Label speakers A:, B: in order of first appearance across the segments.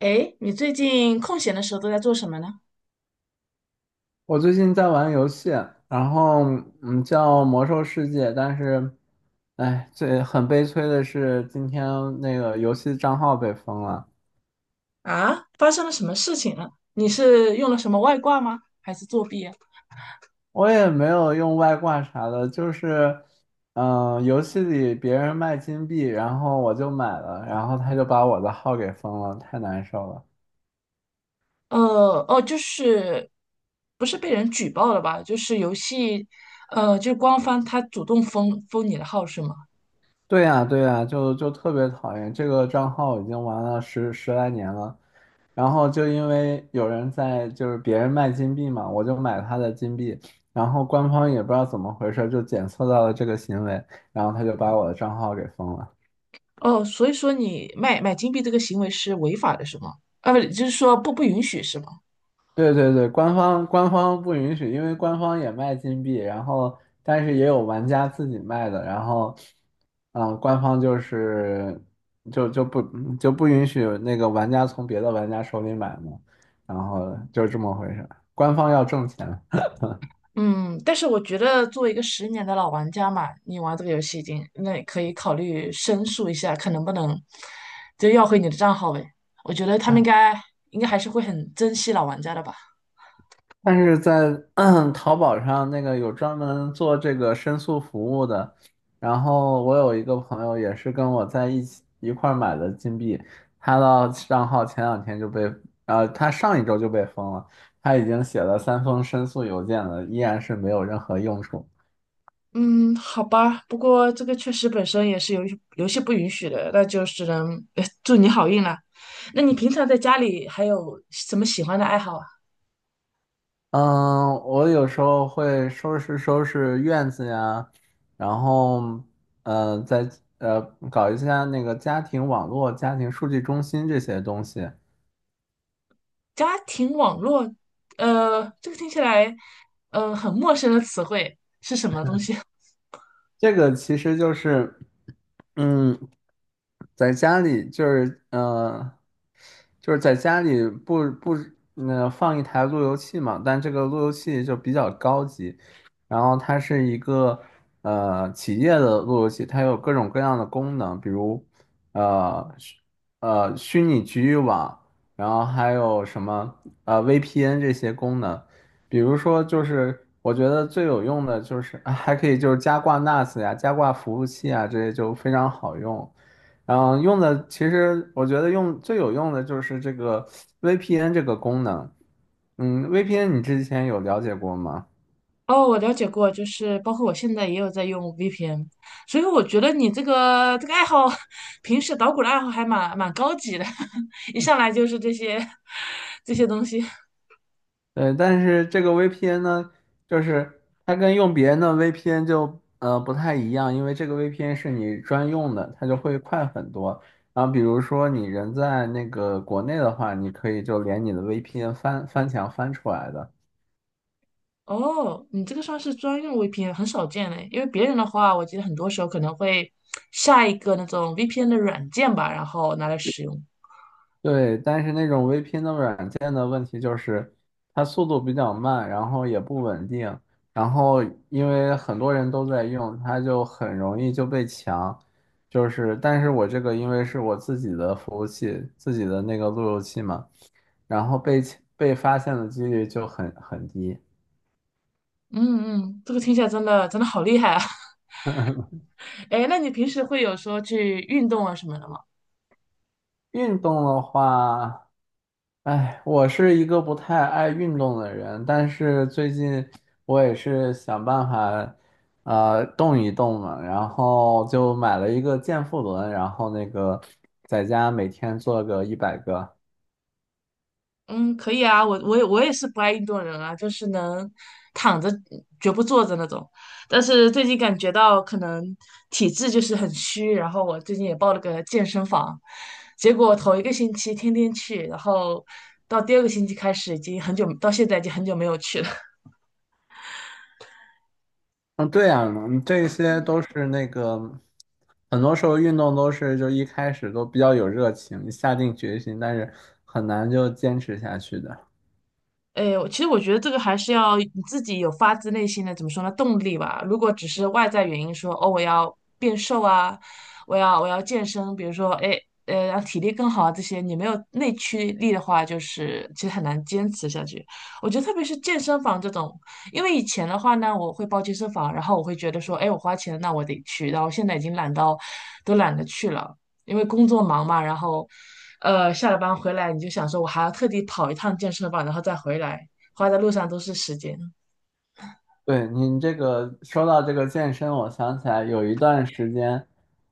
A: 哎，你最近空闲的时候都在做什么呢？
B: 我最近在玩游戏，然后叫《魔兽世界》，但是，哎，很悲催的是今天那个游戏账号被封了。
A: 啊，发生了什么事情了？你是用了什么外挂吗？还是作弊啊？
B: 我也没有用外挂啥的，就是，游戏里别人卖金币，然后我就买了，然后他就把我的号给封了，太难受了。
A: 呃，哦，就是不是被人举报了吧？就是游戏，就是官方他主动封你的号是吗？
B: 对呀，对呀，就特别讨厌这个账号，已经玩了十来年了。然后就因为有人在，就是别人卖金币嘛，我就买他的金币，然后官方也不知道怎么回事，就检测到了这个行为，然后他就把我的账号给封了。
A: 哦，所以说你卖买金币这个行为是违法的是吗？啊，不，就是说不允许是吗？
B: 对对对，官方不允许，因为官方也卖金币，然后但是也有玩家自己卖的，然后，官方就是就就不就不允许那个玩家从别的玩家手里买嘛，然后就是这么回事，官方要挣钱。
A: 嗯，但是我觉得作为一个十年的老玩家嘛，你玩这个游戏已经，那可以考虑申诉一下，看能不能就要回你的账号呗。我觉得他们应该还是会很珍惜老玩家的吧。
B: 但是在淘宝上那个有专门做这个申诉服务的，然后我有一个朋友也是跟我在一起一块儿买的金币，他的账号前两天就被，他上一周就被封了，他已经写了三封申诉邮件了，依然是没有任何用处。
A: 嗯，好吧，不过这个确实本身也是游戏不允许的，那就只能祝你好运了。那你平常在家里还有什么喜欢的爱好啊？
B: 嗯，我有时候会收拾收拾院子呀，然后，再呃搞一下那个家庭网络、家庭数据中心这些东西。
A: 家庭网络，呃，这个听起来很陌生的词汇是什么东西？
B: 这个其实就是，嗯，在家里就是就是在家里不放一台路由器嘛，但这个路由器就比较高级，然后它是一个企业的路由器，它有各种各样的功能，比如呃虚虚拟局域网，然后还有什么VPN 这些功能。比如说，就是我觉得最有用的就是啊还可以就是加挂 NAS 呀、加挂服务器啊，这些就非常好用。然后用的其实我觉得用最有用的就是这个 VPN 这个功能。VPN 你之前有了解过吗？
A: 哦，我了解过，就是包括我现在也有在用 VPN，所以我觉得你这个爱好，平时捣鼓的爱好还蛮高级的，一上来就是这些东西。
B: 对，但是这个 VPN 呢，就是它跟用别人的 VPN 就不太一样，因为这个 VPN 是你专用的，它就会快很多。然后比如说你人在那个国内的话，你可以就连你的 VPN 翻翻墙翻出来的。
A: 哦，你这个算是专用 VPN，很少见嘞，因为别人的话，我记得很多时候可能会下一个那种 VPN 的软件吧，然后拿来使用。
B: 对，但是那种 VPN 的软件的问题就是，它速度比较慢，然后也不稳定，然后因为很多人都在用，它就很容易就被抢。就是，但是我这个因为是我自己的服务器，自己的那个路由器嘛，然后被发现的几率就很低。
A: 嗯嗯，这个听起来真的好厉害啊！哎，那你平时会有说去运动啊什么的吗？
B: 运动的话。哎，我是一个不太爱运动的人，但是最近我也是想办法，动一动嘛，然后就买了一个健腹轮，然后那个在家每天做个100个。
A: 嗯，可以啊，我也是不爱运动人啊，就是能躺着绝不坐着那种。但是最近感觉到可能体质就是很虚，然后我最近也报了个健身房，结果头一个星期天天去，然后到第二个星期开始已经很久，到现在已经很久没有去了。
B: 嗯，对呀，这些都是那个，很多时候运动都是就一开始都比较有热情，下定决心，但是很难就坚持下去的。
A: 哎，我其实我觉得这个还是要你自己有发自内心的，怎么说呢，动力吧。如果只是外在原因说，哦，我要变瘦啊，我要健身，比如说，哎，让体力更好啊，这些你没有内驱力的话，就是其实很难坚持下去。我觉得特别是健身房这种，因为以前的话呢，我会报健身房，然后我会觉得说，哎，我花钱，那我得去，然后现在已经懒到都懒得去了。因为工作忙嘛，然后，下了班回来你就想说，我还要特地跑一趟健身房，然后再回来，花在路上都是时间。
B: 对您这个说到这个健身，我想起来有一段时间，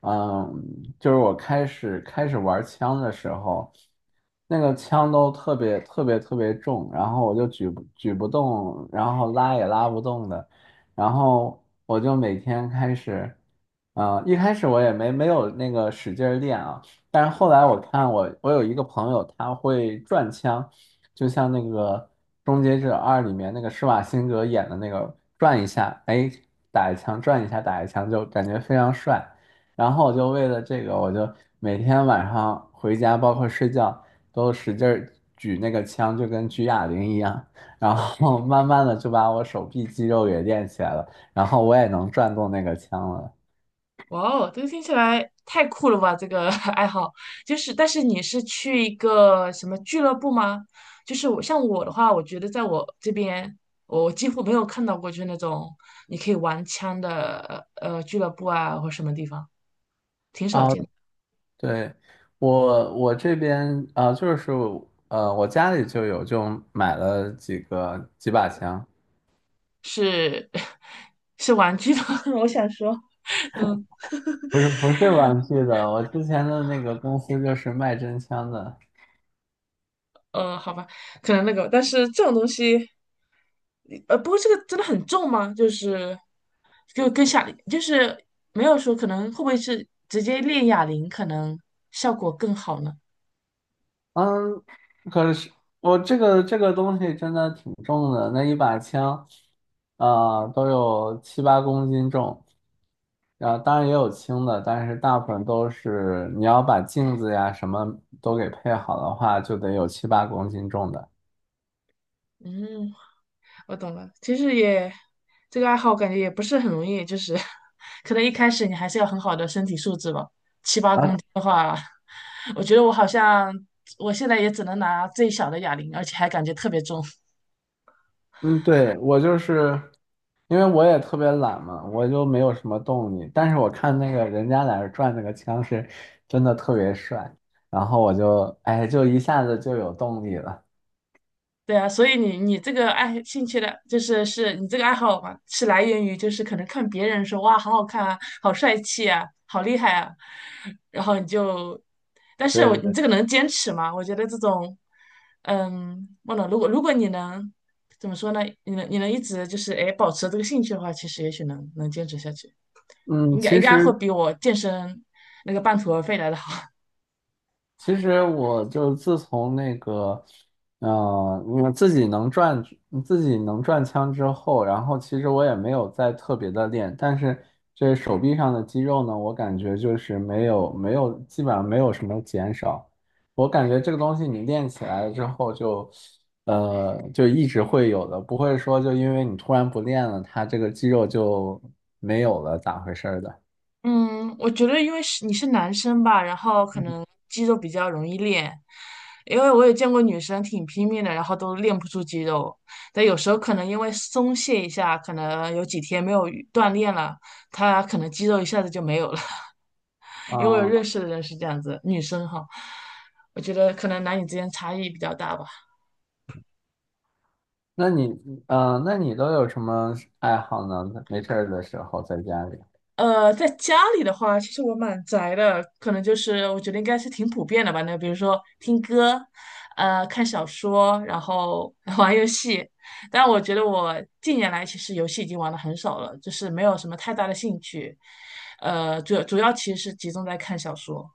B: 嗯，就是我开始玩枪的时候，那个枪都特别特别特别重，然后我就举不动，然后拉也拉不动的，然后我就每天开始，啊，一开始我也没有那个使劲儿练啊，但是后来我看我有一个朋友他会转枪。就像那个《终结者二》里面那个施瓦辛格演的那个转一下，哎，打一枪，转一下，打一枪，就感觉非常帅。然后我就为了这个，我就每天晚上回家，包括睡觉，都使劲儿举那个枪，就跟举哑铃一样。然后 慢慢的就把我手臂肌肉给练起来了，然后我也能转动那个枪了。
A: 哇哦，这个听起来太酷了吧！这个 爱好就是，但是你是去一个什么俱乐部吗？就是我像我的话，我觉得在我这边，我几乎没有看到过就是那种你可以玩枪的俱乐部啊，或什么地方，挺少
B: 哦
A: 见的。
B: 对，我这边就是我家里就有，就买了几把枪，
A: 是 是玩具的，我想说。嗯。
B: 不是不是玩具的，我之前的那个公司就是卖真枪的，
A: 呃，好吧，可能那个，但是这种东西，呃，不过这个真的很重吗？就是就跟哑，就是没有说可能会不会是直接练哑铃，可能效果更好呢？
B: 嗯，可是我这个东西真的挺重的，那一把枪都有七八公斤重，然后当然也有轻的，但是大部分都是你要把镜子呀什么都给配好的话，就得有七八公斤重的。
A: 嗯，我懂了。其实也这个爱好，感觉也不是很容易，就是 可能一开始你还是要很好的身体素质吧。
B: 啊，
A: 的话，我觉得我好像我现在也只能拿最小的哑铃，而且还感觉特别重。
B: 嗯，对，我就是因为我也特别懒嘛，我就没有什么动力。但是我看那个人家在那儿转那个枪是真的特别帅，然后我就哎，就一下子就有动力了。
A: 对啊，所以你这个爱兴趣的，就是是你这个爱好嘛，是来源于就是可能看别人说哇好好看啊，好帅气啊，好厉害啊，然后你就，但是
B: 对
A: 我
B: 对
A: 你
B: 对，
A: 这个能坚持吗？我觉得这种，嗯，忘了，如果你能怎么说呢？你能一直就是哎保持这个兴趣的话，其实也许能坚持下去，
B: 嗯，
A: 应该
B: 其
A: 应该会
B: 实。
A: 比我健身那个半途而废来的好。
B: 其实我就自从那个，呃，我自己能转枪之后，然后其实我也没有再特别的练，但是这手臂上的肌肉呢，我感觉就是没有基本上没有什么减少。我感觉这个东西你练起来了之后就，就一直会有的，不会说就因为你突然不练了，它这个肌肉就没有了，咋回事儿的？
A: 嗯，我觉得因为是你是男生吧，然后可
B: 嗯
A: 能肌肉比较容易练，因为我也见过女生挺拼命的，然后都练不出肌肉。但有时候可能因为松懈一下，可能有几天没有运锻炼了，她可能肌肉一下子就没有了。因为我有认
B: 啊。
A: 识的人是这样子，女生哈，我觉得可能男女之间差异比较大吧。
B: 那你，那你都有什么爱好呢？没事儿的时候在家里，
A: 呃，在家里的话，其实我蛮宅的，可能就是我觉得应该是挺普遍的吧。那比如说听歌，呃，看小说，然后 玩游戏。但我觉得我近年来其实游戏已经玩的很少了，就是没有什么太大的兴趣。呃，主要其实是集中在看小说，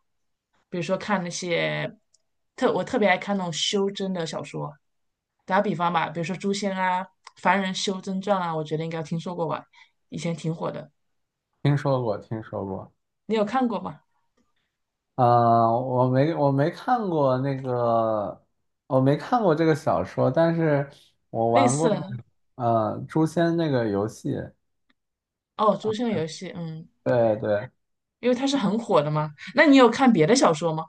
A: 比如说看那些我特别爱看那种修真的小说。打个比方吧，比如说《诛仙》啊，《凡人修真传》啊，我觉得应该听说过吧，以前挺火的。
B: 听说过，听说过。
A: 你有看过吗？
B: 嗯、我没看过那个，我没看过这个小说，但是我
A: 类
B: 玩
A: 似
B: 过
A: 的
B: 那
A: 呢
B: 个，《诛仙》那个游戏。
A: 哦，《诛仙》游戏，嗯，
B: 对对，
A: 因为它是很火的嘛。那你有看别的小说吗？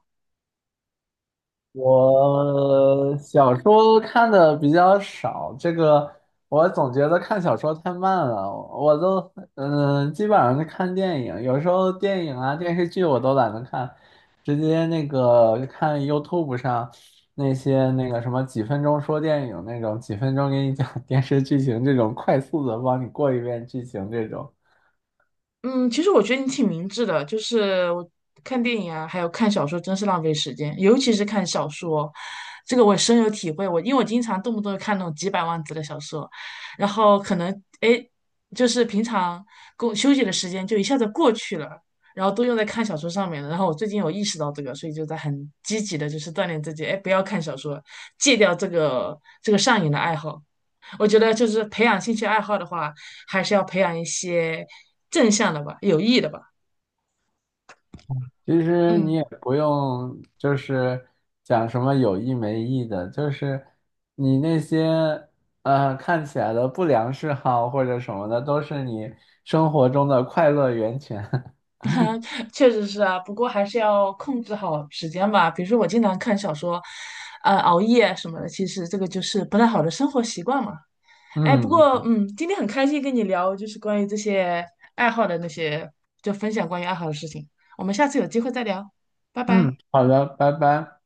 B: 我小说看的比较少，这个我总觉得看小说太慢了，我都基本上是看电影，有时候电影啊电视剧我都懒得看，直接那个看 YouTube 上那些那个什么几分钟说电影那种，几分钟给你讲电视剧情这种快速的帮你过一遍剧情这种。
A: 嗯，其实我觉得你挺明智的，就是我看电影啊，还有看小说，真是浪费时间，尤其是看小说，这个我深有体会。我因为我经常动不动就看那种几百万字的小说，然后可能哎诶，就是平常工休息的时间就一下子过去了，然后都用在看小说上面了。然后我最近有意识到这个，所以就在很积极的，就是锻炼自己，哎，不要看小说，戒掉这个上瘾的爱好。我觉得就是培养兴趣爱好的话，还是要培养一些正向的吧，有益的吧。
B: 其实你
A: 嗯，
B: 也不用就是讲什么有意没意的，就是你那些看起来的不良嗜好或者什么的，都是你生活中的快乐源泉。
A: 确实是啊，不过还是要控制好时间吧。比如说我经常看小说，熬夜什么的，其实这个就是不太好的生活习惯嘛。哎，不过
B: 嗯
A: 嗯，今天很开心跟你聊，就是关于这些爱好的那些，就分享关于爱好的事情。我们下次有机会再聊，拜拜。
B: 嗯，好的，拜拜。